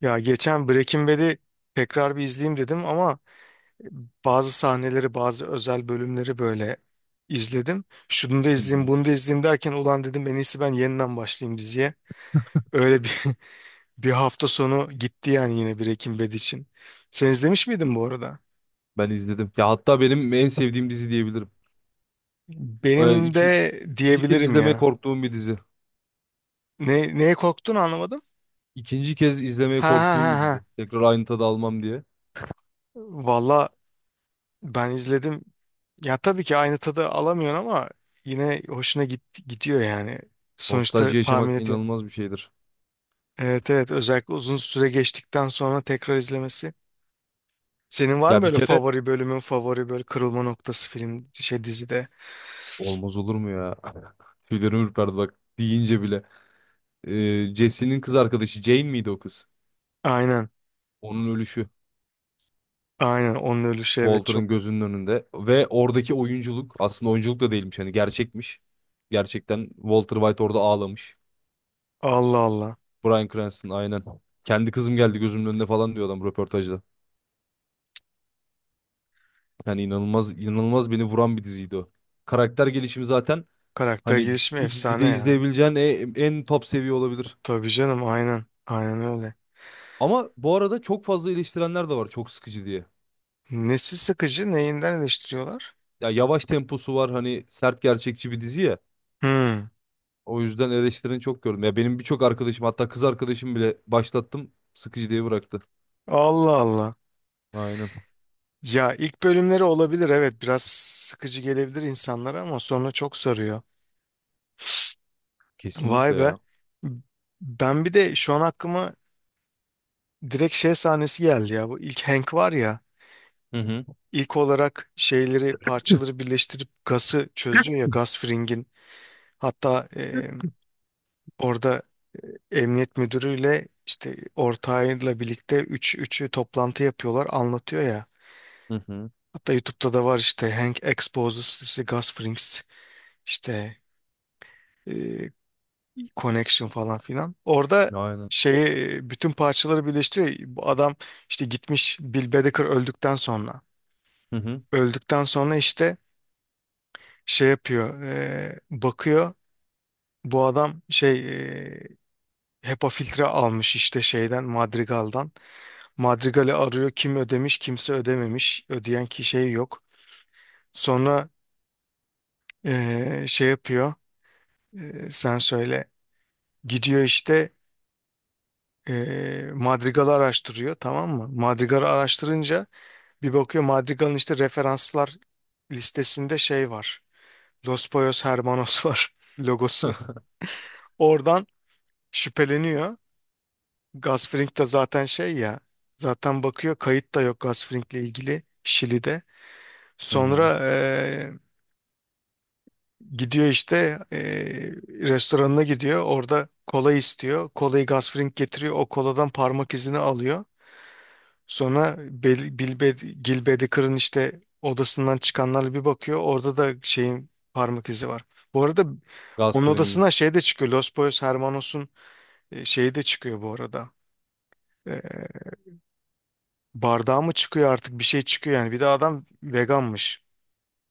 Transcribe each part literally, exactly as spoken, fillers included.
Ya geçen Breaking Bad'i tekrar bir izleyeyim dedim ama bazı sahneleri, bazı özel bölümleri böyle izledim. Şunu da Hı hı. izleyeyim, bunu da izleyeyim derken ulan dedim en iyisi ben yeniden başlayayım diziye. Öyle bir bir hafta sonu gitti yani, yine Breaking Bad için. Sen izlemiş miydin bu arada? Ben izledim. Ya hatta benim en sevdiğim dizi diyebilirim. Ee, Benim iki, de ikinci kez diyebilirim izlemeye ya. korktuğum bir dizi. Ne, neye korktun anlamadım. İkinci kez izlemeye Ha ha ha korktuğum bir ha. dizi. Tekrar aynı tadı almam diye. Valla, ben izledim. Ya tabii ki aynı tadı alamıyorsun ama yine hoşuna git, gidiyor yani. Sonuçta Nostalji tahmin yaşamak ediyor. inanılmaz bir şeydir. Evet, evet, özellikle uzun süre geçtikten sonra tekrar izlemesi. Senin var mı Ya bir böyle kere favori bölümün, favori böyle kırılma noktası film şey dizide? olmaz olur mu ya? Tüylerim ürperdi bak deyince bile. Ee, Jesse'nin kız arkadaşı Jane miydi o kız? Aynen, Onun ölüşü. aynen onun ölüşü, evet, çok. Walter'ın gözünün önünde. Ve oradaki oyunculuk aslında oyunculuk da değilmiş. Hani gerçekmiş. Gerçekten Walter White orada ağlamış. Allah Allah. Bryan Cranston aynen. Kendi kızım geldi gözümün önüne falan diyor adam röportajda. Yani inanılmaz inanılmaz beni vuran bir diziydi o. Karakter gelişimi zaten Karakter hani gelişimi bir efsane dizide ya. izleyebileceğin en, en top seviye olabilir. Tabii canım, aynen aynen öyle. Ama bu arada çok fazla eleştirenler de var çok sıkıcı diye. Nesi sıkıcı, neyinden eleştiriyorlar? Ya yavaş temposu var hani sert gerçekçi bir dizi ya. Hmm. O yüzden eleştirini çok gördüm. Ya benim birçok arkadaşım hatta kız arkadaşım bile başlattım sıkıcı diye bıraktı. Allah Allah. Aynen. Ya ilk bölümleri olabilir, evet, biraz sıkıcı gelebilir insanlara ama sonra çok sarıyor. Vay Kesinlikle be. ya. Ben bir de şu an aklıma direkt şey sahnesi geldi ya. Bu ilk Hank var ya. Hı hı. İlk olarak şeyleri, parçaları birleştirip gazı çözüyor ya, gaz fringin. Hatta e, orada emniyet müdürüyle, işte ortağıyla birlikte üç, üçü toplantı yapıyorlar, anlatıyor ya. Hı hı. Hatta YouTube'da da var işte, Hank exposes the gas frings, işte Connection falan filan. Orada Aynen. şeyi, bütün parçaları birleştiriyor. Bu adam işte gitmiş Bill Bedecker öldükten sonra. Hı hı. Öldükten sonra işte şey yapıyor. e, bakıyor bu adam şey, e, HEPA filtre almış işte şeyden, Madrigal'dan. Madrigal'i arıyor, kim ödemiş, kimse ödememiş. Ödeyen ki şey yok. Sonra e, şey yapıyor. E, sen söyle. Gidiyor işte, e, Madrigal'ı araştırıyor, tamam mı? Madrigal'ı araştırınca bir bakıyor, Madrigal'ın işte referanslar listesinde şey var. Los Pollos Hermanos var logosu. Oradan şüpheleniyor. Gus Fring de zaten şey ya. Zaten bakıyor, kayıt da yok Gus Fring'le ilgili Şili'de. Hı hı. Sonra eee, gidiyor işte, eee, restoranına gidiyor. Orada kola istiyor. Kolayı Gus Fring getiriyor. O koladan parmak izini alıyor. Sonra Bel- Bilbe, Gil Bedick'in işte odasından çıkanlarla bir bakıyor. Orada da şeyin parmak izi var. Bu arada Gaz onun frengi. odasına şey de çıkıyor. Los Boys Hermanos'un e, şeyi de çıkıyor bu arada. E, bardağı mı çıkıyor artık, bir şey çıkıyor yani. Bir de adam veganmış.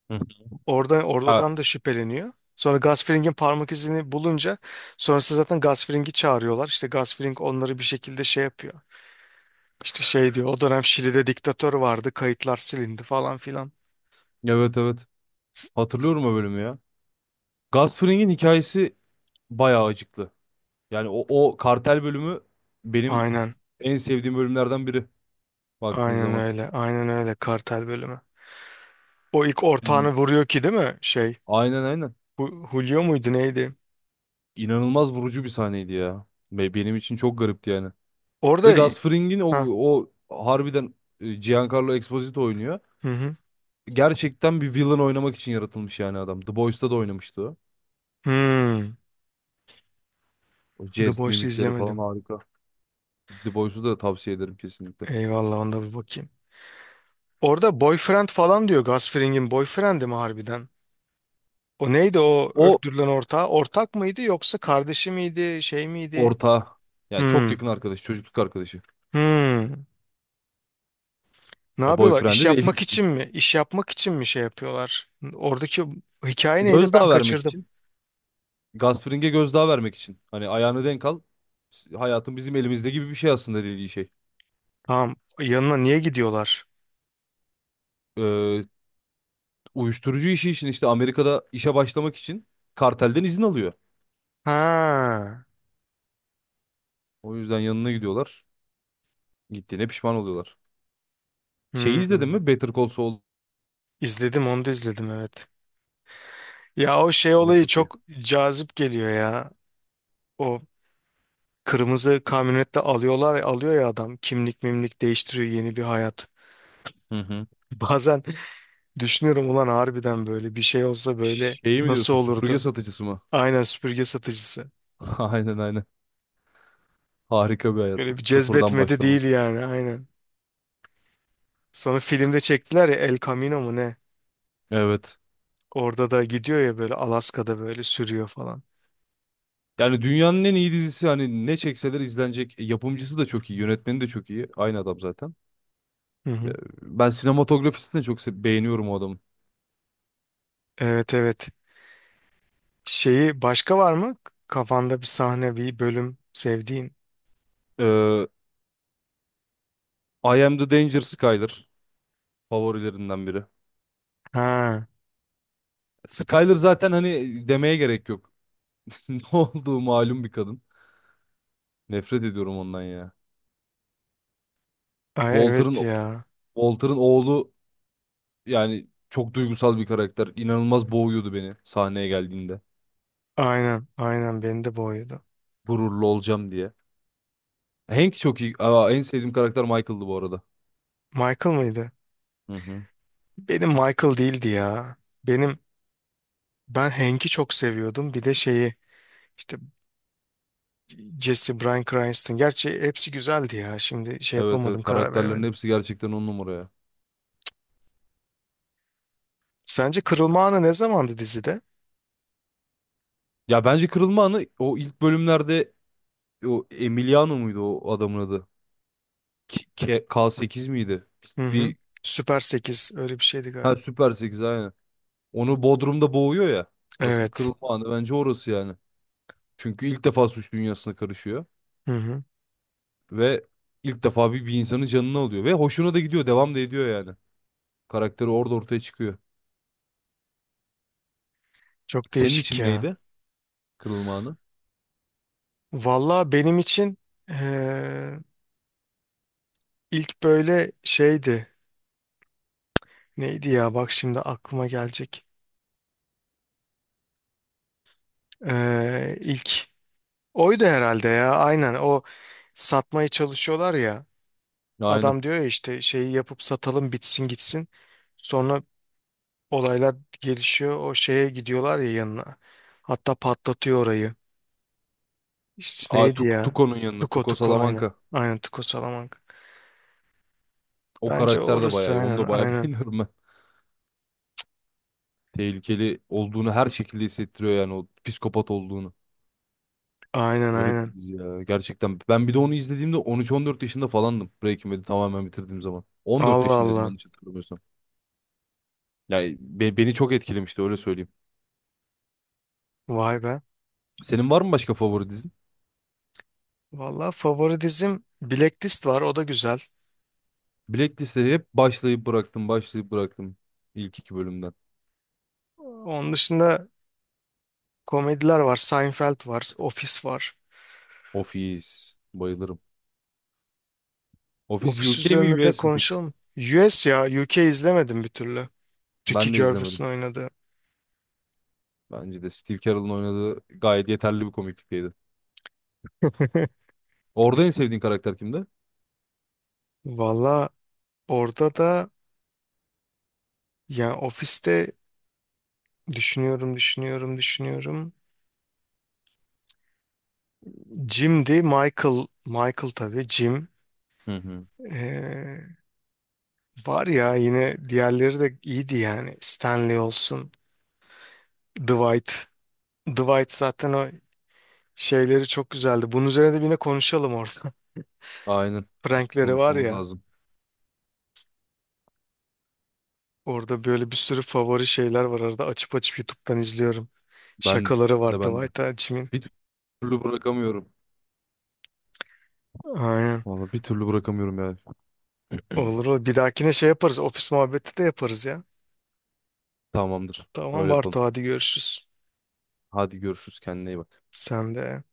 Hı Orada, ha, oradan da şüpheleniyor. Sonra Gasfring'in parmak izini bulunca, sonrası zaten, Gasfring'i çağırıyorlar. İşte Gasfring onları bir şekilde şey yapıyor. İşte şey diyor, o dönem Şili'de diktatör vardı, kayıtlar silindi falan filan. evet evet. Hatırlıyorum o bölümü ya. Gus Fring'in hikayesi bayağı acıklı. Yani o, o kartel bölümü benim Aynen. en sevdiğim bölümlerden biri baktığın Aynen zaman. öyle. Aynen öyle. Kartel bölümü. O ilk Hmm. ortağını vuruyor ki, değil mi? Şey. Aynen aynen. Hu- Julio muydu, neydi? İnanılmaz vurucu bir sahneydi ya. Ve benim için çok garipti yani. Ve Orada. Gus Fring'in o, Ha. o harbiden e, Giancarlo Esposito oynuyor. Hı hı. Gerçekten bir villain oynamak için yaratılmış yani adam. The Boys'ta da oynamıştı o. Hmm. O The jest Boys'u mimikleri falan izlemedim. harika. The Boys'u da tavsiye ederim kesinlikle. Eyvallah, onda bir bakayım. Orada boyfriend falan diyor. Gus Fring'in boyfriend'i mi harbiden? O neydi, o O öldürülen ortağı? Ortak mıydı, yoksa kardeşi miydi? Şey miydi? ortağı. Yani çok Hmm. yakın arkadaş, çocukluk arkadaşı. Hmm. Ne Ya yapıyorlar? İş boyfriend'i değil. yapmak için mi? İş yapmak için mi şey yapıyorlar? Oradaki hikaye neydi? Ben Gözdağı vermek kaçırdım. için. Gasfring'e gözdağı vermek için. Hani ayağını denk al. Hayatın bizim elimizde gibi bir şey aslında dediği şey. Tamam. Yanına niye gidiyorlar? Ee, Uyuşturucu işi için işte Amerika'da işe başlamak için kartelden izin alıyor. Ha. O yüzden yanına gidiyorlar. Gittiğine pişman oluyorlar. Şeyi izledin Hmm. mi? Better Call Saul. İzledim, onu da izledim, evet. Ya o şey O da olayı çok iyi. çok cazip geliyor ya. O kırmızı kamyonette alıyorlar, alıyor ya adam, kimlik mimlik değiştiriyor, yeni bir hayat. Hı hı. Bazen düşünüyorum, ulan harbiden böyle bir şey olsa böyle Şeyi mi nasıl diyorsun? Süpürge olurdu? satıcısı mı? Aynen, süpürge satıcısı. Aynen aynen. Harika bir hayat. Böyle bir Sıfırdan cezbetmedi başlama. değil yani, aynen. Sonra filmde çektiler ya, El Camino mu ne? Evet. Orada da gidiyor ya, böyle Alaska'da böyle sürüyor falan. Yani dünyanın en iyi dizisi hani ne çekseler izlenecek. E, yapımcısı da çok iyi, yönetmeni de çok iyi. Aynı adam zaten. Hı E, hı. Ben sinematografisini de çok se- beğeniyorum o adamın. Evet, evet. Şeyi başka var mı? Kafanda bir sahne, bir bölüm sevdiğin. Ee, I Am The Danger Skyler favorilerinden biri. Ha, Skyler zaten hani demeye gerek yok. Ne olduğu malum bir kadın. Nefret ediyorum ondan ya. ay evet Walter'ın ya. Walter'ın oğlu yani çok duygusal bir karakter. İnanılmaz boğuyordu beni sahneye geldiğinde. Aynen, aynen beni de boğuyordu. Gururlu olacağım diye. Hank çok iyi. Aa, en sevdiğim karakter Michael'dı bu arada. Michael mıydı? Hı hı. Benim Michael değildi ya. Benim ben Hank'i çok seviyordum. Bir de şeyi, işte Jesse, Bryan Cranston. Gerçi hepsi güzeldi ya. Şimdi şey Evet yapamadım, evet karar karakterlerin veremedim. hepsi gerçekten on numara ya. Sence kırılma anı ne zamandı dizide? Ya bence kırılma anı o ilk bölümlerde o Emiliano muydu o adamın adı? K, K- K8 miydi? Hı hı. Bir Süper sekiz öyle bir şeydi ha galiba. Süper sekiz aynen. Onu Bodrum'da boğuyor ya. Asıl Evet. kırılma anı bence orası yani. Çünkü ilk defa suç dünyasına karışıyor Hı hı. ve ilk defa bir, bir insanın canını alıyor ve hoşuna da gidiyor, devam da ediyor yani. Karakteri orada ortaya çıkıyor. Çok Senin değişik için ya. neydi kırılma anı? Valla benim için eee, ilk böyle şeydi. Neydi ya, bak şimdi aklıma gelecek. Eee ilk oydu herhalde ya, aynen o satmaya çalışıyorlar ya. Aynen. Adam diyor ya işte, şeyi yapıp satalım, bitsin gitsin. Sonra olaylar gelişiyor, o şeye gidiyorlar ya, yanına. Hatta patlatıyor orayı. İşte Aa, neydi Tuk- ya? Tuko'nun yanına. Tuko Tuko Tuko, aynen. Salamanca. Aynen, Tuko Salamanca. O Bence karakter de orası, bayağı iyi. Onu aynen da bayağı aynen. beğeniyorum ben. Tehlikeli olduğunu her şekilde hissettiriyor yani o psikopat olduğunu. Aynen Garip bir aynen. dizi ya gerçekten. Ben bir de onu izlediğimde on 14 yaşında falandım Breaking Bad'i tamamen bitirdiğim zaman. On dört Allah yaşındaydım Allah. yanlış hatırlamıyorsam. Yani be- beni çok etkilemişti öyle söyleyeyim. Vay be. Senin var mı başka favori dizin? Valla favori dizim Blacklist var. O da güzel. Blacklist'e hep başlayıp bıraktım başlayıp bıraktım ilk iki bölümden. Onun dışında komediler var. Seinfeld var. Office var. Office bayılırım. Office Office U K mi üzerine de U S mi peki? konuşalım. U S ya. U K izlemedim bir türlü. Ricky Ben de izlemedim. Gervais'in oynadığı. Bence de Steve Carell'ın oynadığı gayet yeterli bir komiklikteydi. Orada en sevdiğin karakter kimdi? Valla orada da, yani ofiste, düşünüyorum, düşünüyorum, düşünüyorum. Jim'di. Michael. Michael tabii. Jim. Hı hı. Ee, var ya, yine diğerleri de iyiydi yani. Stanley olsun. Dwight. Dwight zaten o şeyleri çok güzeldi. Bunun üzerine de yine konuşalım orada. Aynen. Prankleri var Konuşmamız ya. lazım. Orada böyle bir sürü favori şeyler var arada. Açıp açıp YouTube'dan izliyorum. Ben Şakaları var de ben de. Dwight Hachi'nin. Bir türlü bırakamıyorum. Aynen. Vallahi bir türlü bırakamıyorum ya. Olur olur. Bir dahakine şey yaparız. Ofis muhabbeti de yaparız ya. Tamamdır. Tamam Öyle yapalım. Bartu, hadi görüşürüz. Hadi görüşürüz. Kendine iyi bak. Sen de.